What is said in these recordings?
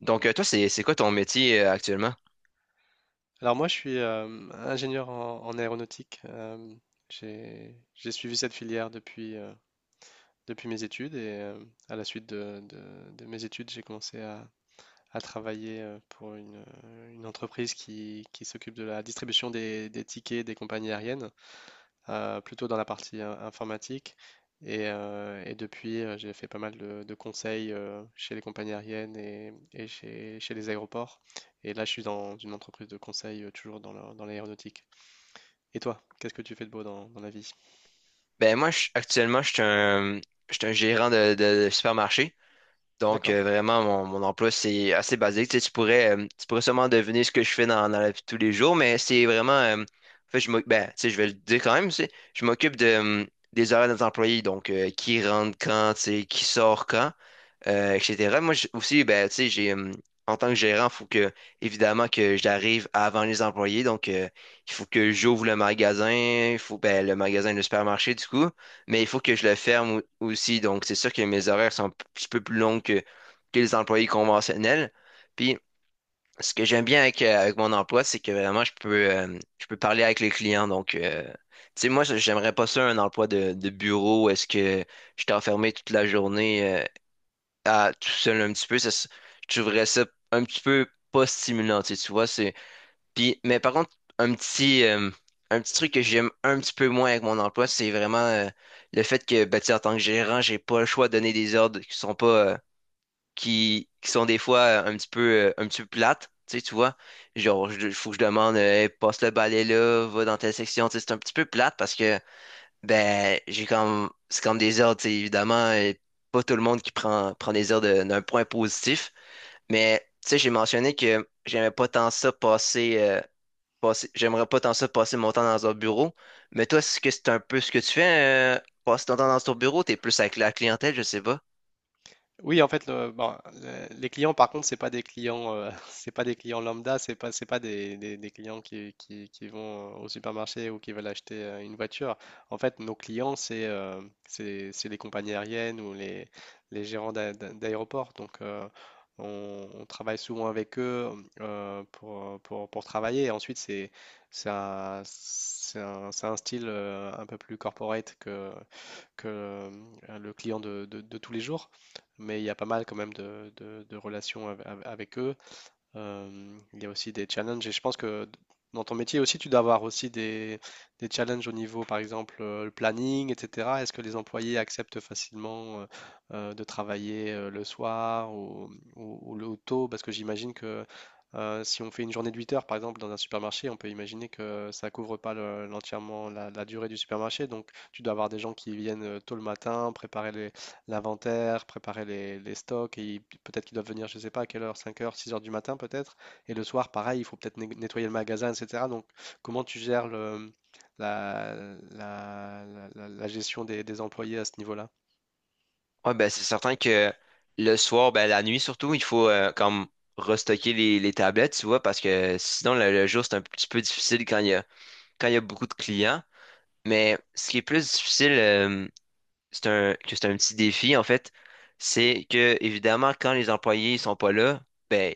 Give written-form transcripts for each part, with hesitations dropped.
Donc, toi, c'est quoi ton métier actuellement? Alors moi, je suis ingénieur en aéronautique. J'ai suivi cette filière depuis mes études et à la suite de mes études, j'ai commencé à travailler pour une entreprise qui s'occupe de la distribution des tickets des compagnies aériennes plutôt dans la partie informatique. Et depuis, j'ai fait pas mal de conseils chez les compagnies aériennes et chez les aéroports. Et là, je suis dans une entreprise de conseil, toujours dans dans l'aéronautique. Et toi, qu'est-ce que tu fais de beau dans la vie? Ben, moi, actuellement, je suis un gérant de supermarché. Donc, D'accord. Vraiment, mon emploi, c'est assez basique. Tu sais, tu pourrais sûrement deviner ce que je fais dans la vie de tous les jours, mais c'est vraiment. En fait, ben, tu sais, je vais le dire quand même, tu sais, je m'occupe des horaires de nos employés. Donc, qui rentre quand, tu sais, qui sort quand, etc. Moi aussi, ben, tu sais, en tant que gérant, évidemment, que j'arrive avant les employés. Donc, il faut que j'ouvre le magasin, le supermarché, du coup, mais il faut que je le ferme aussi. Donc, c'est sûr que mes horaires sont un petit peu plus longs que les employés conventionnels. Puis, ce que j'aime bien avec mon emploi, c'est que vraiment, je peux parler avec les clients. Donc, tu sais, moi, j'aimerais pas ça, un emploi de bureau, est-ce que j'étais enfermé toute la journée, à tout seul un petit peu. Je trouverais ça un petit peu pas stimulant, tu sais, tu vois, Puis, mais par contre, un petit, euh, un petit truc que j'aime un petit peu moins avec mon emploi, c'est vraiment, le fait que, bah, tu sais, en tant que gérant, j'ai pas le choix de donner des ordres qui sont pas, qui sont des fois un petit peu plates, tu sais, tu vois. Genre, il faut que je demande, Hey, passe le balai là, va dans telle section », tu sais, c'est un petit peu plate parce que ben, c'est comme des heures, tu sais, évidemment, pas tout le monde qui prend des heures d'un point positif. Mais, tu sais, j'ai mentionné que j'aimais pas tant ça passer, j'aimerais pas tant ça passer mon temps dans un bureau. Mais toi, est-ce que c'est un peu ce que tu fais, passer ton temps dans ton bureau, t'es plus avec la clientèle, je sais pas? Oui, en fait, bon, les clients, par contre, c'est pas des clients, c'est pas des clients lambda, c'est pas des clients qui vont au supermarché ou qui veulent acheter une voiture. En fait, nos clients, c'est les compagnies aériennes ou les gérants d'aéroports. Donc, on travaille souvent avec eux, pour travailler. Et ensuite, c'est un style un peu plus corporate que le client de tous les jours, mais il y a pas mal quand même de relations avec eux. Il y a aussi des challenges et je pense que dans ton métier aussi, tu dois avoir aussi des challenges au niveau, par exemple, le planning, etc. Est-ce que les employés acceptent facilement de travailler le soir, ou le ou tôt? Parce que j'imagine que si on fait une journée de 8 heures, par exemple, dans un supermarché, on peut imaginer que ça couvre pas l'entièrement la durée du supermarché. Donc, tu dois avoir des gens qui viennent tôt le matin, préparer l'inventaire, préparer les stocks, et peut-être qu'ils doivent venir, je ne sais pas à quelle heure, 5 heures, 6 heures du matin peut-être, et le soir, pareil, il faut peut-être nettoyer le magasin, etc. Donc, comment tu gères le, la, la- la- la gestion des employés à ce niveau-là? Ouais, ben, c'est certain que le soir, ben, la nuit surtout, il faut, comme, restocker les tablettes, tu vois, parce que sinon, le jour, c'est un petit peu difficile quand il y a beaucoup de clients. Mais ce qui est plus difficile, que c'est un petit défi, en fait, c'est que, évidemment, quand les employés sont pas là, ben,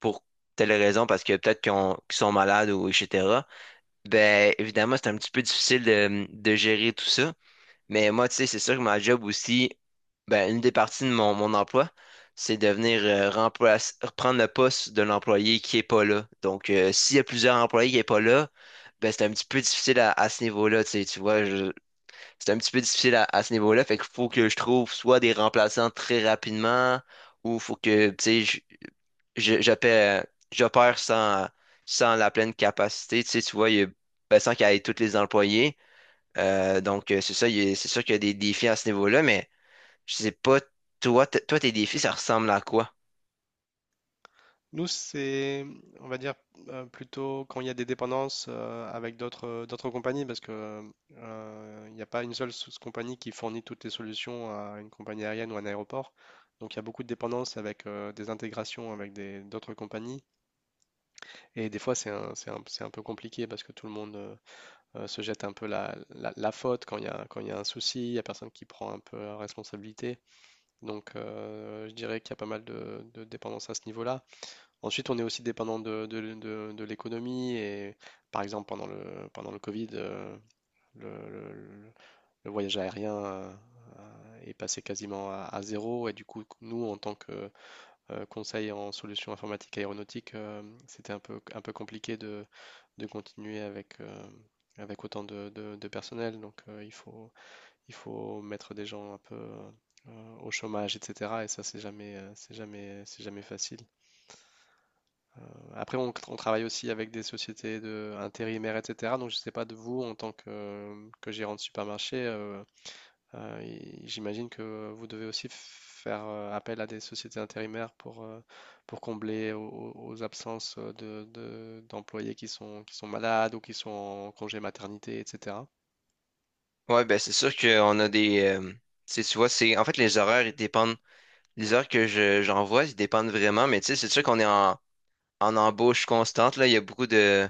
pour telle raison, parce que peut-être qu'ils sont malades ou etc., ben, évidemment, c'est un petit peu difficile de gérer tout ça. Mais moi, tu sais, c'est sûr que ma job aussi, ben, une des parties de mon emploi, c'est de venir reprendre le poste de l'employé qui est pas là. Donc, s'il y a plusieurs employés qui est pas là, ben, c'est un petit peu difficile à ce niveau-là, tu sais, tu vois, c'est un petit peu difficile à ce niveau-là. Fait qu'il faut que je trouve soit des remplaçants très rapidement, ou faut que, tu sais, je- j'opère, j'opère sans la pleine capacité. Tu sais, tu vois, ben, sans qu'il y ait tous les employés. Donc, c'est ça, c'est sûr qu'il y a des défis à ce niveau-là, mais je sais pas, toi, toi, tes défis, ça ressemble à quoi? Nous, c'est, on va dire, plutôt quand il y a des dépendances avec d'autres compagnies, parce que il n'y a pas une seule sous- compagnie qui fournit toutes les solutions à une compagnie aérienne ou à un aéroport. Donc il y a beaucoup de dépendances avec, des intégrations avec d'autres compagnies. Et des fois, c'est un peu compliqué parce que tout le monde se jette un peu la faute quand il y a, quand il y a un souci, il n'y a personne qui prend un peu la responsabilité. Donc, je dirais qu'il y a pas mal de dépendance à ce niveau-là. Ensuite, on est aussi dépendant de l'économie et par exemple, pendant le Covid, le, le- le- le voyage aérien, est passé quasiment à zéro et du coup, nous, en tant que conseil en solutions informatiques aéronautiques, c'était un peu compliqué de continuer avec autant de personnel. Donc, il faut mettre des gens un peu au chômage, etc. Et ça, c'est jamais facile. Après, on travaille aussi avec des sociétés de intérimaires, etc. Donc, je ne sais pas de vous, en tant que gérant de supermarché, et j'imagine que vous devez aussi faire appel à des sociétés intérimaires pour combler aux absences d'employés qui sont malades ou qui sont en congé maternité, etc. Ouais, ben, c'est sûr tu sais, tu vois, en fait, les horaires, les heures que j'envoie, ils dépendent vraiment, mais tu sais, c'est sûr qu'on est en embauche constante, là, il y a beaucoup de,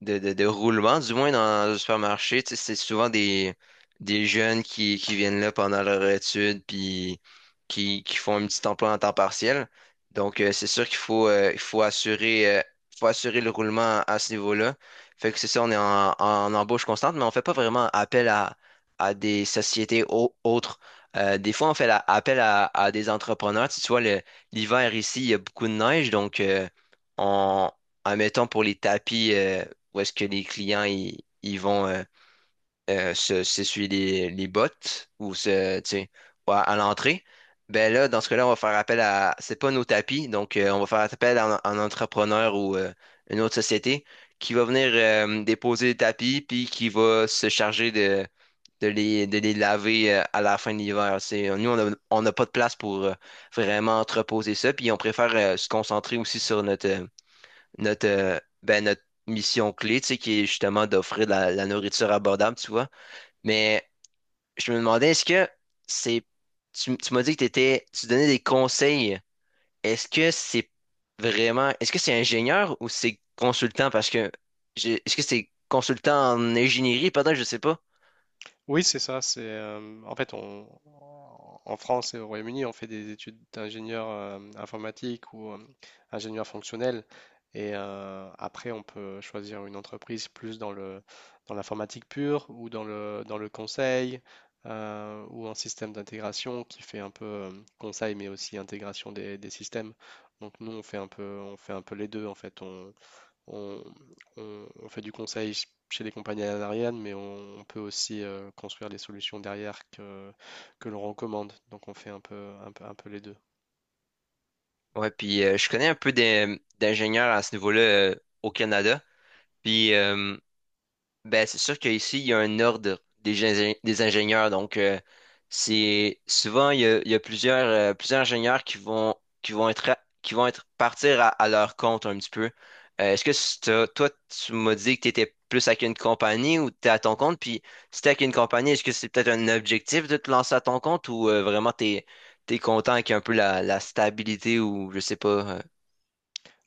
de, de, de roulement, du moins dans le supermarché. Tu sais, c'est souvent des jeunes qui viennent là pendant leur étude, puis qui font un petit emploi en temps partiel. Donc, c'est sûr faut assurer le roulement à ce niveau-là. Fait que c'est ça, on est en embauche constante, mais on fait pas vraiment appel à des sociétés autres. Des fois, on fait appel à des entrepreneurs. Tu vois, l'hiver ici, il y a beaucoup de neige, donc on, admettons, pour les tapis, où est-ce que les clients ils vont se s'essuyer les bottes ou se, tu sais, ou à l'entrée, ben là, dans ce cas-là, on va faire appel à — c'est pas nos tapis, donc on va faire appel à un entrepreneur ou une autre société qui va venir déposer les tapis, puis qui va se charger de les laver à la fin de l'hiver. C'est, nous, on n'a pas de place pour vraiment entreposer ça, puis on préfère se concentrer aussi sur ben, notre mission clé, tu sais, qui est justement d'offrir de la nourriture abordable, tu vois. Mais je me demandais, est-ce que c'est. Tu m'as dit que t'étais, tu donnais des conseils. Est-ce que c'est vraiment. est-ce que c'est ingénieur ou c'est consultant? Est-ce que c'est consultant en ingénierie? Pardon, je sais pas. Oui, c'est ça. C'est, en fait, on, en France et au Royaume-Uni, on fait des études d'ingénieur informatique ou ingénieur fonctionnel. Et après, on peut choisir une entreprise plus dans l'informatique pure ou dans le conseil, ou en système d'intégration qui fait un peu conseil mais aussi intégration des systèmes. Donc nous, on fait un peu les deux en fait. On, on fait du conseil chez les compagnies aériennes, mais on peut aussi construire des solutions derrière que l'on recommande. Donc on fait un peu les deux. Ouais, puis je connais un peu d'ingénieurs à ce niveau-là au Canada. Puis. Ben, c'est sûr qu'ici, il y a un ordre des ingénieurs. Donc, c'est souvent, il y a plusieurs, plusieurs ingénieurs qui vont être partir à leur compte un petit peu. Est-ce que toi, tu m'as dit que tu étais plus avec une compagnie ou tu es à ton compte? Puis, si tu avec une compagnie, est-ce que c'est peut-être un objectif de te lancer à ton compte, ou vraiment content avec un peu la stabilité, ou je sais pas. euh,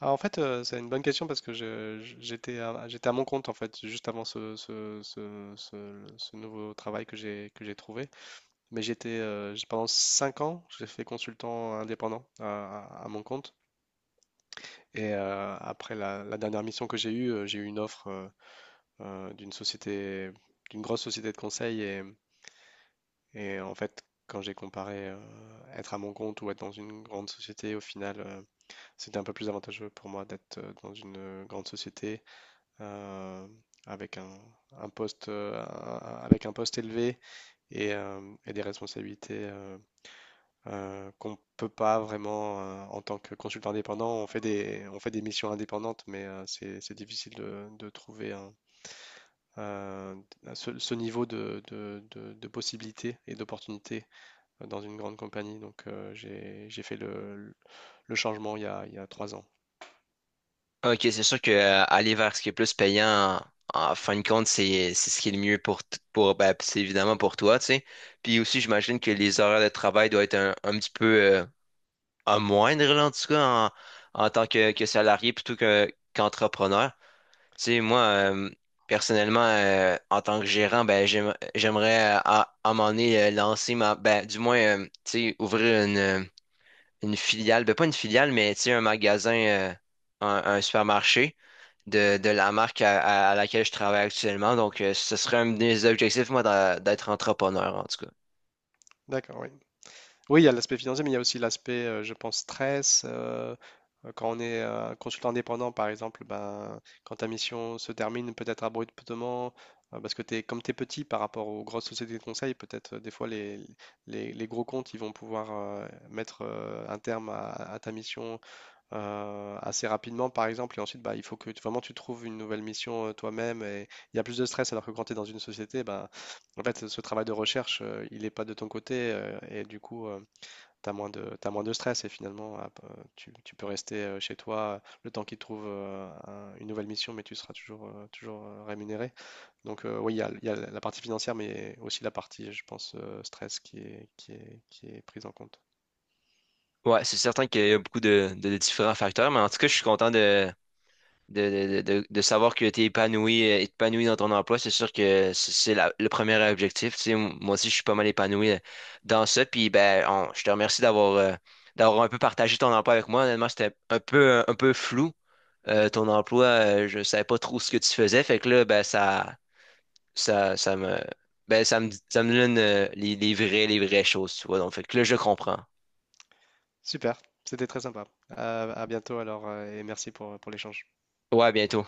Ah, en fait, c'est une bonne question parce que j'étais j'étais à mon compte en fait juste avant ce nouveau travail que j'ai trouvé. Mais j'étais pendant 5 ans, j'ai fait consultant indépendant à mon compte. Et après la dernière mission que j'ai eue, j'ai eu une offre d'une société, d'une grosse société de conseil et en fait, quand j'ai comparé être à mon compte ou être dans une grande société, au final, c'était un peu plus avantageux pour moi d'être, dans une grande société, euh, avec un poste, avec un poste élevé et et des responsabilités, qu'on peut pas vraiment en tant que consultant indépendant. On fait des missions indépendantes, mais c'est difficile de trouver un, euh, ce niveau de possibilités et d'opportunités dans une grande compagnie. Donc, j'ai fait le changement il y a 3 ans. OK, c'est sûr que aller vers ce qui est plus payant, en fin de compte, c'est ce qui est le mieux pour, t- pour ben, c'est évidemment pour toi, tu sais. Puis aussi, j'imagine que les horaires de travail doivent être un petit peu à moindre, là, en tout cas, en tant que salarié plutôt qu'entrepreneur. Tu sais, moi, personnellement, en tant que gérant, ben, j'aimerais à un moment donné lancer ma, ben, du moins, tu sais, ouvrir une filiale, ben, pas une filiale, mais tu sais, un magasin, un supermarché de la marque laquelle je travaille actuellement. Donc, ce serait un de mes objectifs, moi, d'être entrepreneur, en tout cas. D'accord, oui. Oui, il y a l'aspect financier, mais il y a aussi l'aspect, je pense, stress. Quand on est consultant indépendant, par exemple, ben, quand ta mission se termine peut-être abruptement, parce que t'es, comme tu es petit par rapport aux grosses sociétés de conseil, peut-être des fois les gros comptes, ils vont pouvoir mettre un terme à ta mission, assez rapidement, par exemple. Et ensuite, bah, il faut que vraiment tu trouves une nouvelle mission, toi-même. Et il y a plus de stress, alors que quand tu es dans une société, bah, en fait, ce travail de recherche, il n'est pas de ton côté, et du coup, tu as moins de, t'as moins de stress. Et finalement, ah, bah, tu peux rester chez toi le temps qu'ils trouvent une nouvelle mission, mais tu seras toujours rémunéré. Donc, oui, il y a la partie financière, mais aussi la partie, je pense, stress qui est prise en compte. Ouais, c'est certain qu'il y a beaucoup de différents facteurs, mais en tout cas, je suis content de savoir que tu es épanoui dans ton emploi, c'est sûr que le premier objectif. Tu sais, moi aussi, je suis pas mal épanoui dans ça. Puis ben, je te remercie d'avoir un peu partagé ton emploi avec moi. Honnêtement, c'était un peu peu flou. Ton emploi, je savais pas trop ce que tu faisais. Fait que là, ben ça, ça me ça me donne les vraies choses, tu vois. Donc, fait que là, je comprends. Super, c'était très sympa. À bientôt alors, et merci pour l'échange. Ouais, à bientôt.